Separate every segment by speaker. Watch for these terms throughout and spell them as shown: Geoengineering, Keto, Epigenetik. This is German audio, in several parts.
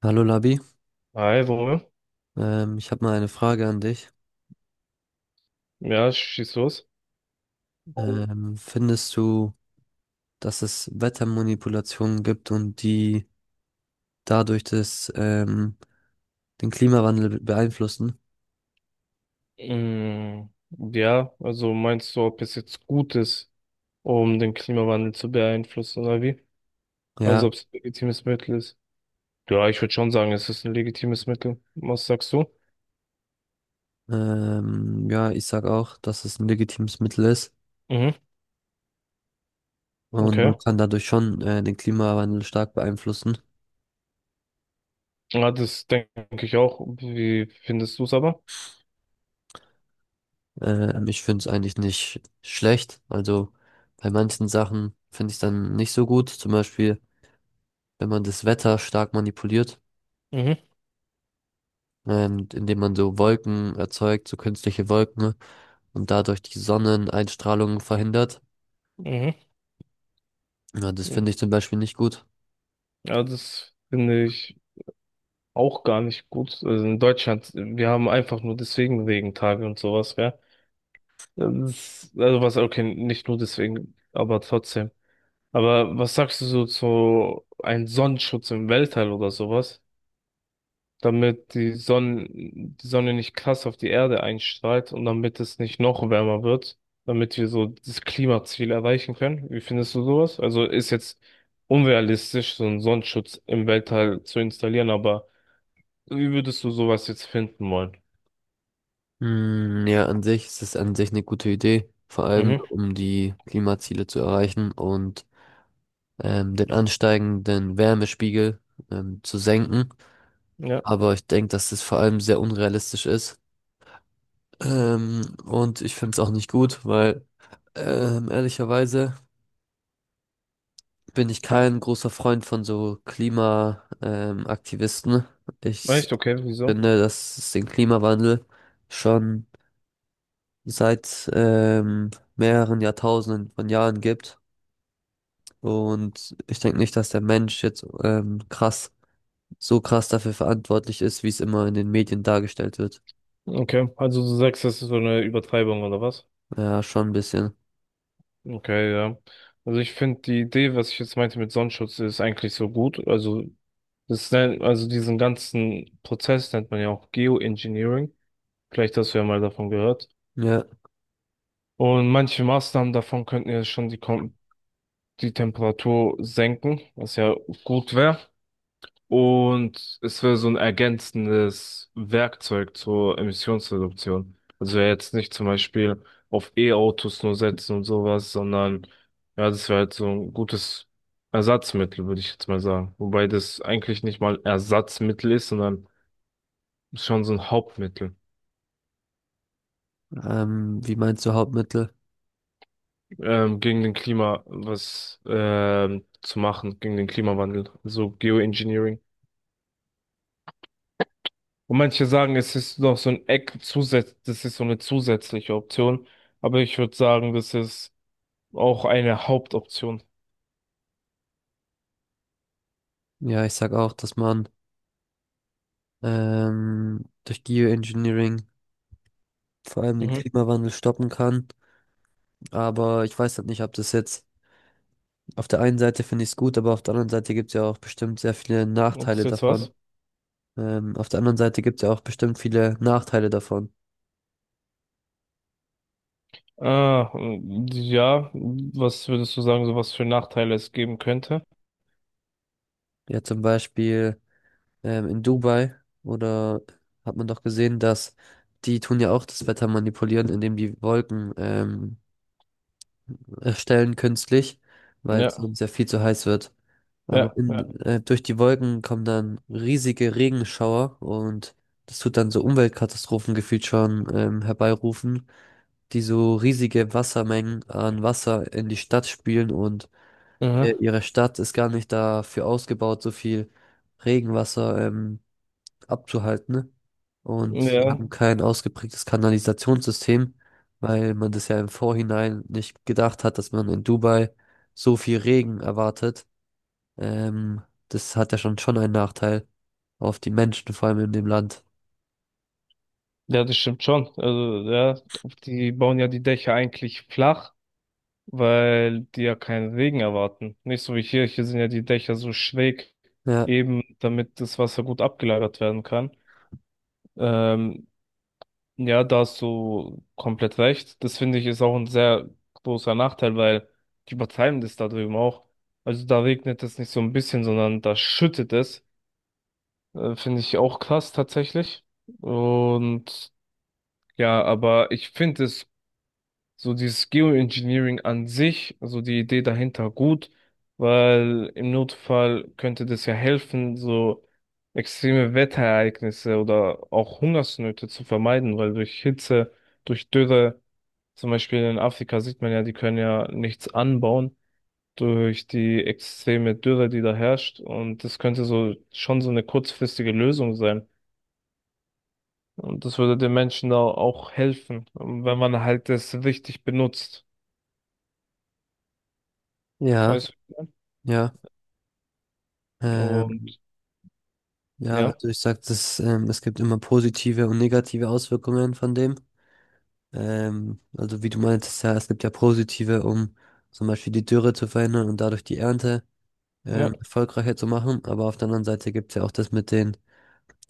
Speaker 1: Hallo Labi,
Speaker 2: Hi, Romeo.
Speaker 1: ich habe mal eine Frage an dich.
Speaker 2: Ja, schieß los.
Speaker 1: Findest du, dass es Wettermanipulationen gibt und die dadurch das, den Klimawandel beeinflussen?
Speaker 2: Mm, ja, also meinst du, ob es jetzt gut ist, um den Klimawandel zu beeinflussen oder wie?
Speaker 1: Ja,
Speaker 2: Also ob es ein legitimes Mittel ist? Ja, ich würde schon sagen, es ist ein legitimes Mittel. Was sagst du?
Speaker 1: ja, ich sag auch, dass es ein legitimes Mittel ist,
Speaker 2: Mhm,
Speaker 1: und
Speaker 2: okay.
Speaker 1: man kann dadurch schon den Klimawandel stark beeinflussen.
Speaker 2: Ja, das denke ich auch. Wie findest du es aber?
Speaker 1: Ich finde es eigentlich nicht schlecht. Also bei manchen Sachen finde ich es dann nicht so gut. Zum Beispiel, wenn man das Wetter stark manipuliert
Speaker 2: Mhm,
Speaker 1: und indem man so Wolken erzeugt, so künstliche Wolken, und dadurch die Sonneneinstrahlung verhindert.
Speaker 2: mhm.
Speaker 1: Ja, das finde ich zum Beispiel nicht gut.
Speaker 2: Ja, das finde ich auch gar nicht gut. Also in Deutschland, wir haben einfach nur deswegen Regentage und sowas, gell? Das, also was, okay, nicht nur deswegen, aber trotzdem. Aber was sagst du so zu einem Sonnenschutz im Weltall oder sowas? Damit die Sonne nicht krass auf die Erde einstrahlt und damit es nicht noch wärmer wird, damit wir so das Klimaziel erreichen können. Wie findest du sowas? Also ist jetzt unrealistisch, so einen Sonnenschutz im Weltall zu installieren, aber wie würdest du sowas jetzt finden wollen?
Speaker 1: Hm, ja, an sich ist es an sich eine gute Idee, vor allem
Speaker 2: Mhm,
Speaker 1: so, um die Klimaziele zu erreichen und den ansteigenden Wärmespiegel zu senken.
Speaker 2: ja.
Speaker 1: Aber ich denke, dass das vor allem sehr unrealistisch ist. Und ich finde es auch nicht gut, weil ehrlicherweise bin ich kein großer Freund von so Klima, Aktivisten. Ich
Speaker 2: Echt, okay, wieso?
Speaker 1: finde, dass es den Klimawandel schon seit mehreren Jahrtausenden von Jahren gibt. Und ich denke nicht, dass der Mensch jetzt so krass dafür verantwortlich ist, wie es immer in den Medien dargestellt wird.
Speaker 2: Okay, also du sagst, das ist so eine Übertreibung oder was?
Speaker 1: Ja, schon ein bisschen.
Speaker 2: Okay, ja. Also ich finde die Idee, was ich jetzt meinte mit Sonnenschutz, ist eigentlich so gut. Also das nennt, also diesen ganzen Prozess nennt man ja auch Geoengineering. Vielleicht hast du ja mal davon gehört.
Speaker 1: Ja,
Speaker 2: Und manche Maßnahmen davon könnten ja schon die Temperatur senken, was ja gut wäre. Und es wäre so ein ergänzendes Werkzeug zur Emissionsreduktion. Also wär jetzt nicht zum Beispiel auf E-Autos nur setzen und sowas, sondern ja, das wäre halt so ein gutes Ersatzmittel, würde ich jetzt mal sagen. Wobei das eigentlich nicht mal Ersatzmittel ist, sondern schon so ein Hauptmittel,
Speaker 1: wie meinst du Hauptmittel?
Speaker 2: gegen den Klima was zu machen, gegen den Klimawandel. So Geoengineering. Und manche sagen, es ist noch so ein Eck zusätzlich, das ist so eine zusätzliche Option. Aber ich würde sagen, das ist auch eine Hauptoption.
Speaker 1: Ja, ich sag auch, dass man durch Geoengineering vor allem den
Speaker 2: Mhm.
Speaker 1: Klimawandel stoppen kann. Aber ich weiß halt nicht, ob das jetzt, auf der einen Seite finde ich es gut, aber auf der anderen Seite gibt es ja auch bestimmt sehr viele
Speaker 2: Ob das
Speaker 1: Nachteile
Speaker 2: ist jetzt
Speaker 1: davon.
Speaker 2: was?
Speaker 1: Auf der anderen Seite gibt es ja auch bestimmt viele Nachteile davon.
Speaker 2: Ah, mm, ja. Was würdest du sagen, so was für Nachteile es geben könnte?
Speaker 1: Ja, zum Beispiel in Dubai oder, hat man doch gesehen, dass die tun ja auch das Wetter manipulieren, indem die Wolken erstellen künstlich, weil
Speaker 2: Ja,
Speaker 1: es uns ja viel zu heiß wird. Aber
Speaker 2: ja, ja.
Speaker 1: durch die Wolken kommen dann riesige Regenschauer, und das tut dann so Umweltkatastrophen gefühlt schon herbeirufen, die so riesige Wassermengen an Wasser in die Stadt spülen, und
Speaker 2: Mhm.
Speaker 1: ihre Stadt ist gar nicht dafür ausgebaut, so viel Regenwasser abzuhalten, ne? Und sie
Speaker 2: Ja,
Speaker 1: haben kein ausgeprägtes Kanalisationssystem, weil man das ja im Vorhinein nicht gedacht hat, dass man in Dubai so viel Regen erwartet. Ähm, das hat ja schon einen Nachteil auf die Menschen, vor allem in dem Land.
Speaker 2: ja, das stimmt schon. Also, ja, die bauen ja die Dächer eigentlich flach, weil die ja keinen Regen erwarten. Nicht so wie hier, hier sind ja die Dächer so schräg,
Speaker 1: Ja,
Speaker 2: eben damit das Wasser gut abgelagert werden kann. Ähm, ja, da hast du komplett recht. Das finde ich ist auch ein sehr großer Nachteil, weil die übertreiben das da drüben auch. Also da regnet es nicht so ein bisschen, sondern da schüttet es. Finde ich auch krass tatsächlich. Und ja, aber ich finde es so dieses Geoengineering an sich, also die Idee dahinter gut, weil im Notfall könnte das ja helfen, so extreme Wetterereignisse oder auch Hungersnöte zu vermeiden, weil durch Hitze, durch Dürre, zum Beispiel in Afrika sieht man ja, die können ja nichts anbauen durch die extreme Dürre, die da herrscht, und das könnte so schon so eine kurzfristige Lösung sein. Und das würde den Menschen da auch helfen, wenn man halt das richtig benutzt.
Speaker 1: ja,
Speaker 2: Weißt du?
Speaker 1: ja. Ähm,
Speaker 2: Und
Speaker 1: ja,
Speaker 2: ja,
Speaker 1: also ich sag, das, es gibt immer positive und negative Auswirkungen von dem. Also wie du meintest, ja, es gibt ja positive, um zum Beispiel die Dürre zu verhindern und dadurch die Ernte
Speaker 2: ja,
Speaker 1: erfolgreicher zu machen. Aber auf der anderen Seite gibt es ja auch das mit den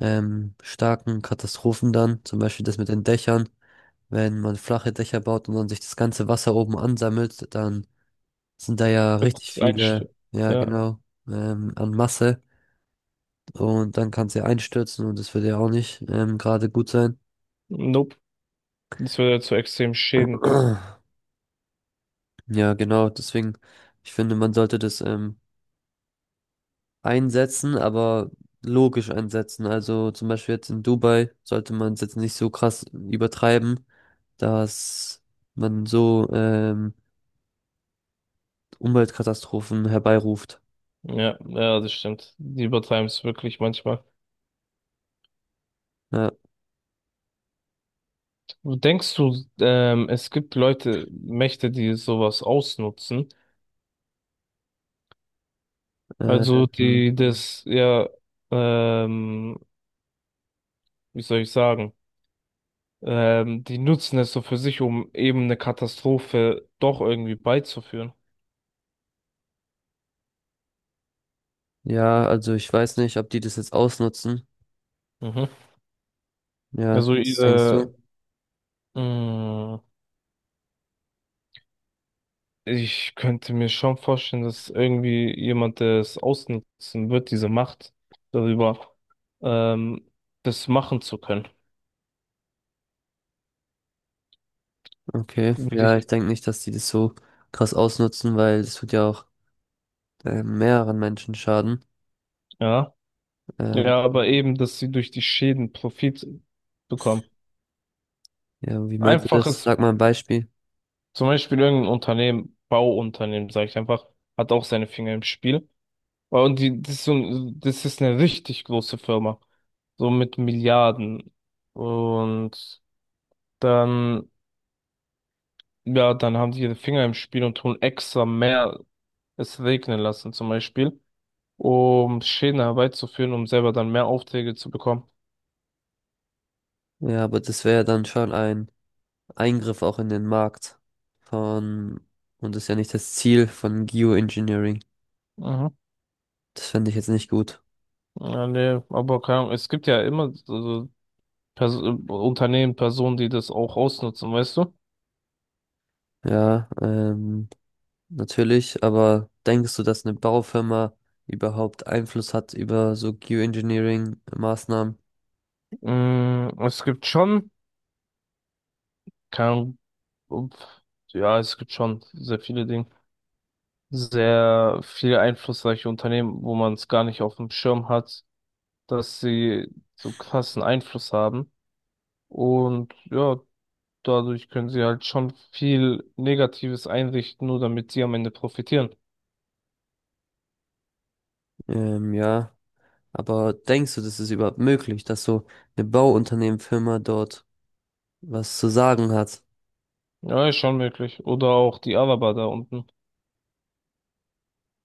Speaker 1: starken Katastrophen dann, zum Beispiel das mit den Dächern. Wenn man flache Dächer baut und dann sich das ganze Wasser oben ansammelt, dann sind da ja richtig
Speaker 2: gutes Einst,
Speaker 1: viele, ja
Speaker 2: ja,
Speaker 1: genau, an Masse. Und dann kann es ja einstürzen, und das würde ja auch nicht gerade gut sein.
Speaker 2: nope, das würde zu extremen Schäden führen.
Speaker 1: Ja, genau, deswegen, ich finde, man sollte das einsetzen, aber logisch einsetzen. Also zum Beispiel jetzt in Dubai sollte man es jetzt nicht so krass übertreiben, dass man so Umweltkatastrophen herbeiruft.
Speaker 2: Ja, ja, das stimmt. Die übertreiben es wirklich manchmal.
Speaker 1: Ja,
Speaker 2: Denkst du, es gibt Leute, Mächte, die sowas ausnutzen? Also
Speaker 1: ähm,
Speaker 2: die das, ja, ähm, wie soll ich sagen? Die nutzen es so für sich, um eben eine Katastrophe doch irgendwie beizuführen.
Speaker 1: ja, also ich weiß nicht, ob die das jetzt ausnutzen.
Speaker 2: Mhm.
Speaker 1: Ja,
Speaker 2: Also
Speaker 1: was denkst
Speaker 2: ihre,
Speaker 1: du?
Speaker 2: mm, ich könnte mir schon vorstellen, dass irgendwie jemand das ausnutzen wird, diese Macht darüber, ähm, das machen zu können.
Speaker 1: Okay,
Speaker 2: Würde
Speaker 1: ja, ich
Speaker 2: ich-
Speaker 1: denke nicht, dass die das so krass ausnutzen, weil das tut ja auch mehreren Menschen schaden.
Speaker 2: Ja,
Speaker 1: Ähm,
Speaker 2: ja, aber eben, dass sie durch die Schäden Profit bekommen.
Speaker 1: ja, wie meinst du das?
Speaker 2: Einfaches,
Speaker 1: Sag mal ein Beispiel.
Speaker 2: zum Beispiel irgendein Unternehmen, Bauunternehmen, sage ich einfach, hat auch seine Finger im Spiel. Aber Und die, das ist so, das ist eine richtig große Firma, so mit Milliarden. Und dann Ja, dann haben die ihre Finger im Spiel und tun extra mehr es regnen lassen, zum Beispiel, um Schäden herbeizuführen, um selber dann mehr Aufträge zu bekommen.
Speaker 1: Ja, aber das wäre ja dann schon ein Eingriff auch in den Markt von, und das ist ja nicht das Ziel von Geoengineering.
Speaker 2: Mhm.
Speaker 1: Das fände ich jetzt nicht gut.
Speaker 2: Ja, nee, aber keine Ahnung, es gibt ja immer so Pers Unternehmen, Personen, die das auch ausnutzen, weißt du?
Speaker 1: Ja, natürlich, aber denkst du, dass eine Baufirma überhaupt Einfluss hat über so Geoengineering-Maßnahmen?
Speaker 2: Es gibt schon, keine Ahnung, ups, ja, es gibt schon sehr viele Dinge, sehr viele einflussreiche Unternehmen, wo man es gar nicht auf dem Schirm hat, dass sie so krassen Einfluss haben. Und ja, dadurch können sie halt schon viel Negatives einrichten, nur damit sie am Ende profitieren.
Speaker 1: Ja. Aber denkst du, das ist überhaupt möglich, dass so eine Bauunternehmenfirma dort was zu sagen hat?
Speaker 2: Ja, ist schon möglich. Oder auch die Araber da unten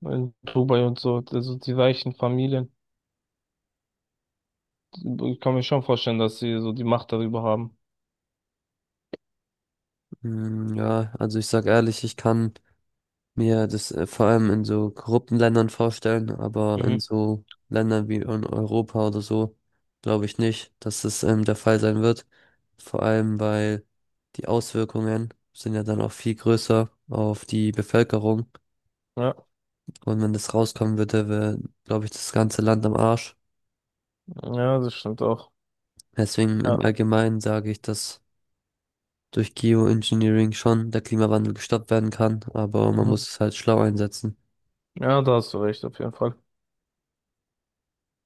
Speaker 2: in Dubai und so, also die reichen Familien. Ich kann mir schon vorstellen, dass sie so die Macht darüber haben.
Speaker 1: Hm, ja, also ich sag ehrlich, ich kann mir das vor allem in so korrupten Ländern vorstellen, aber in
Speaker 2: Mhm.
Speaker 1: so Ländern wie in Europa oder so, glaube ich nicht, dass das der Fall sein wird. Vor allem, weil die Auswirkungen sind ja dann auch viel größer auf die Bevölkerung.
Speaker 2: Ja,
Speaker 1: Und wenn das rauskommen würde, wäre, glaube ich, das ganze Land am Arsch.
Speaker 2: ja, das stimmt auch.
Speaker 1: Deswegen
Speaker 2: Ja,
Speaker 1: im Allgemeinen sage ich, dass durch Geoengineering schon der Klimawandel gestoppt werden kann, aber man
Speaker 2: mhm.
Speaker 1: muss es halt schlau einsetzen.
Speaker 2: Ja, da hast du recht, auf jeden Fall.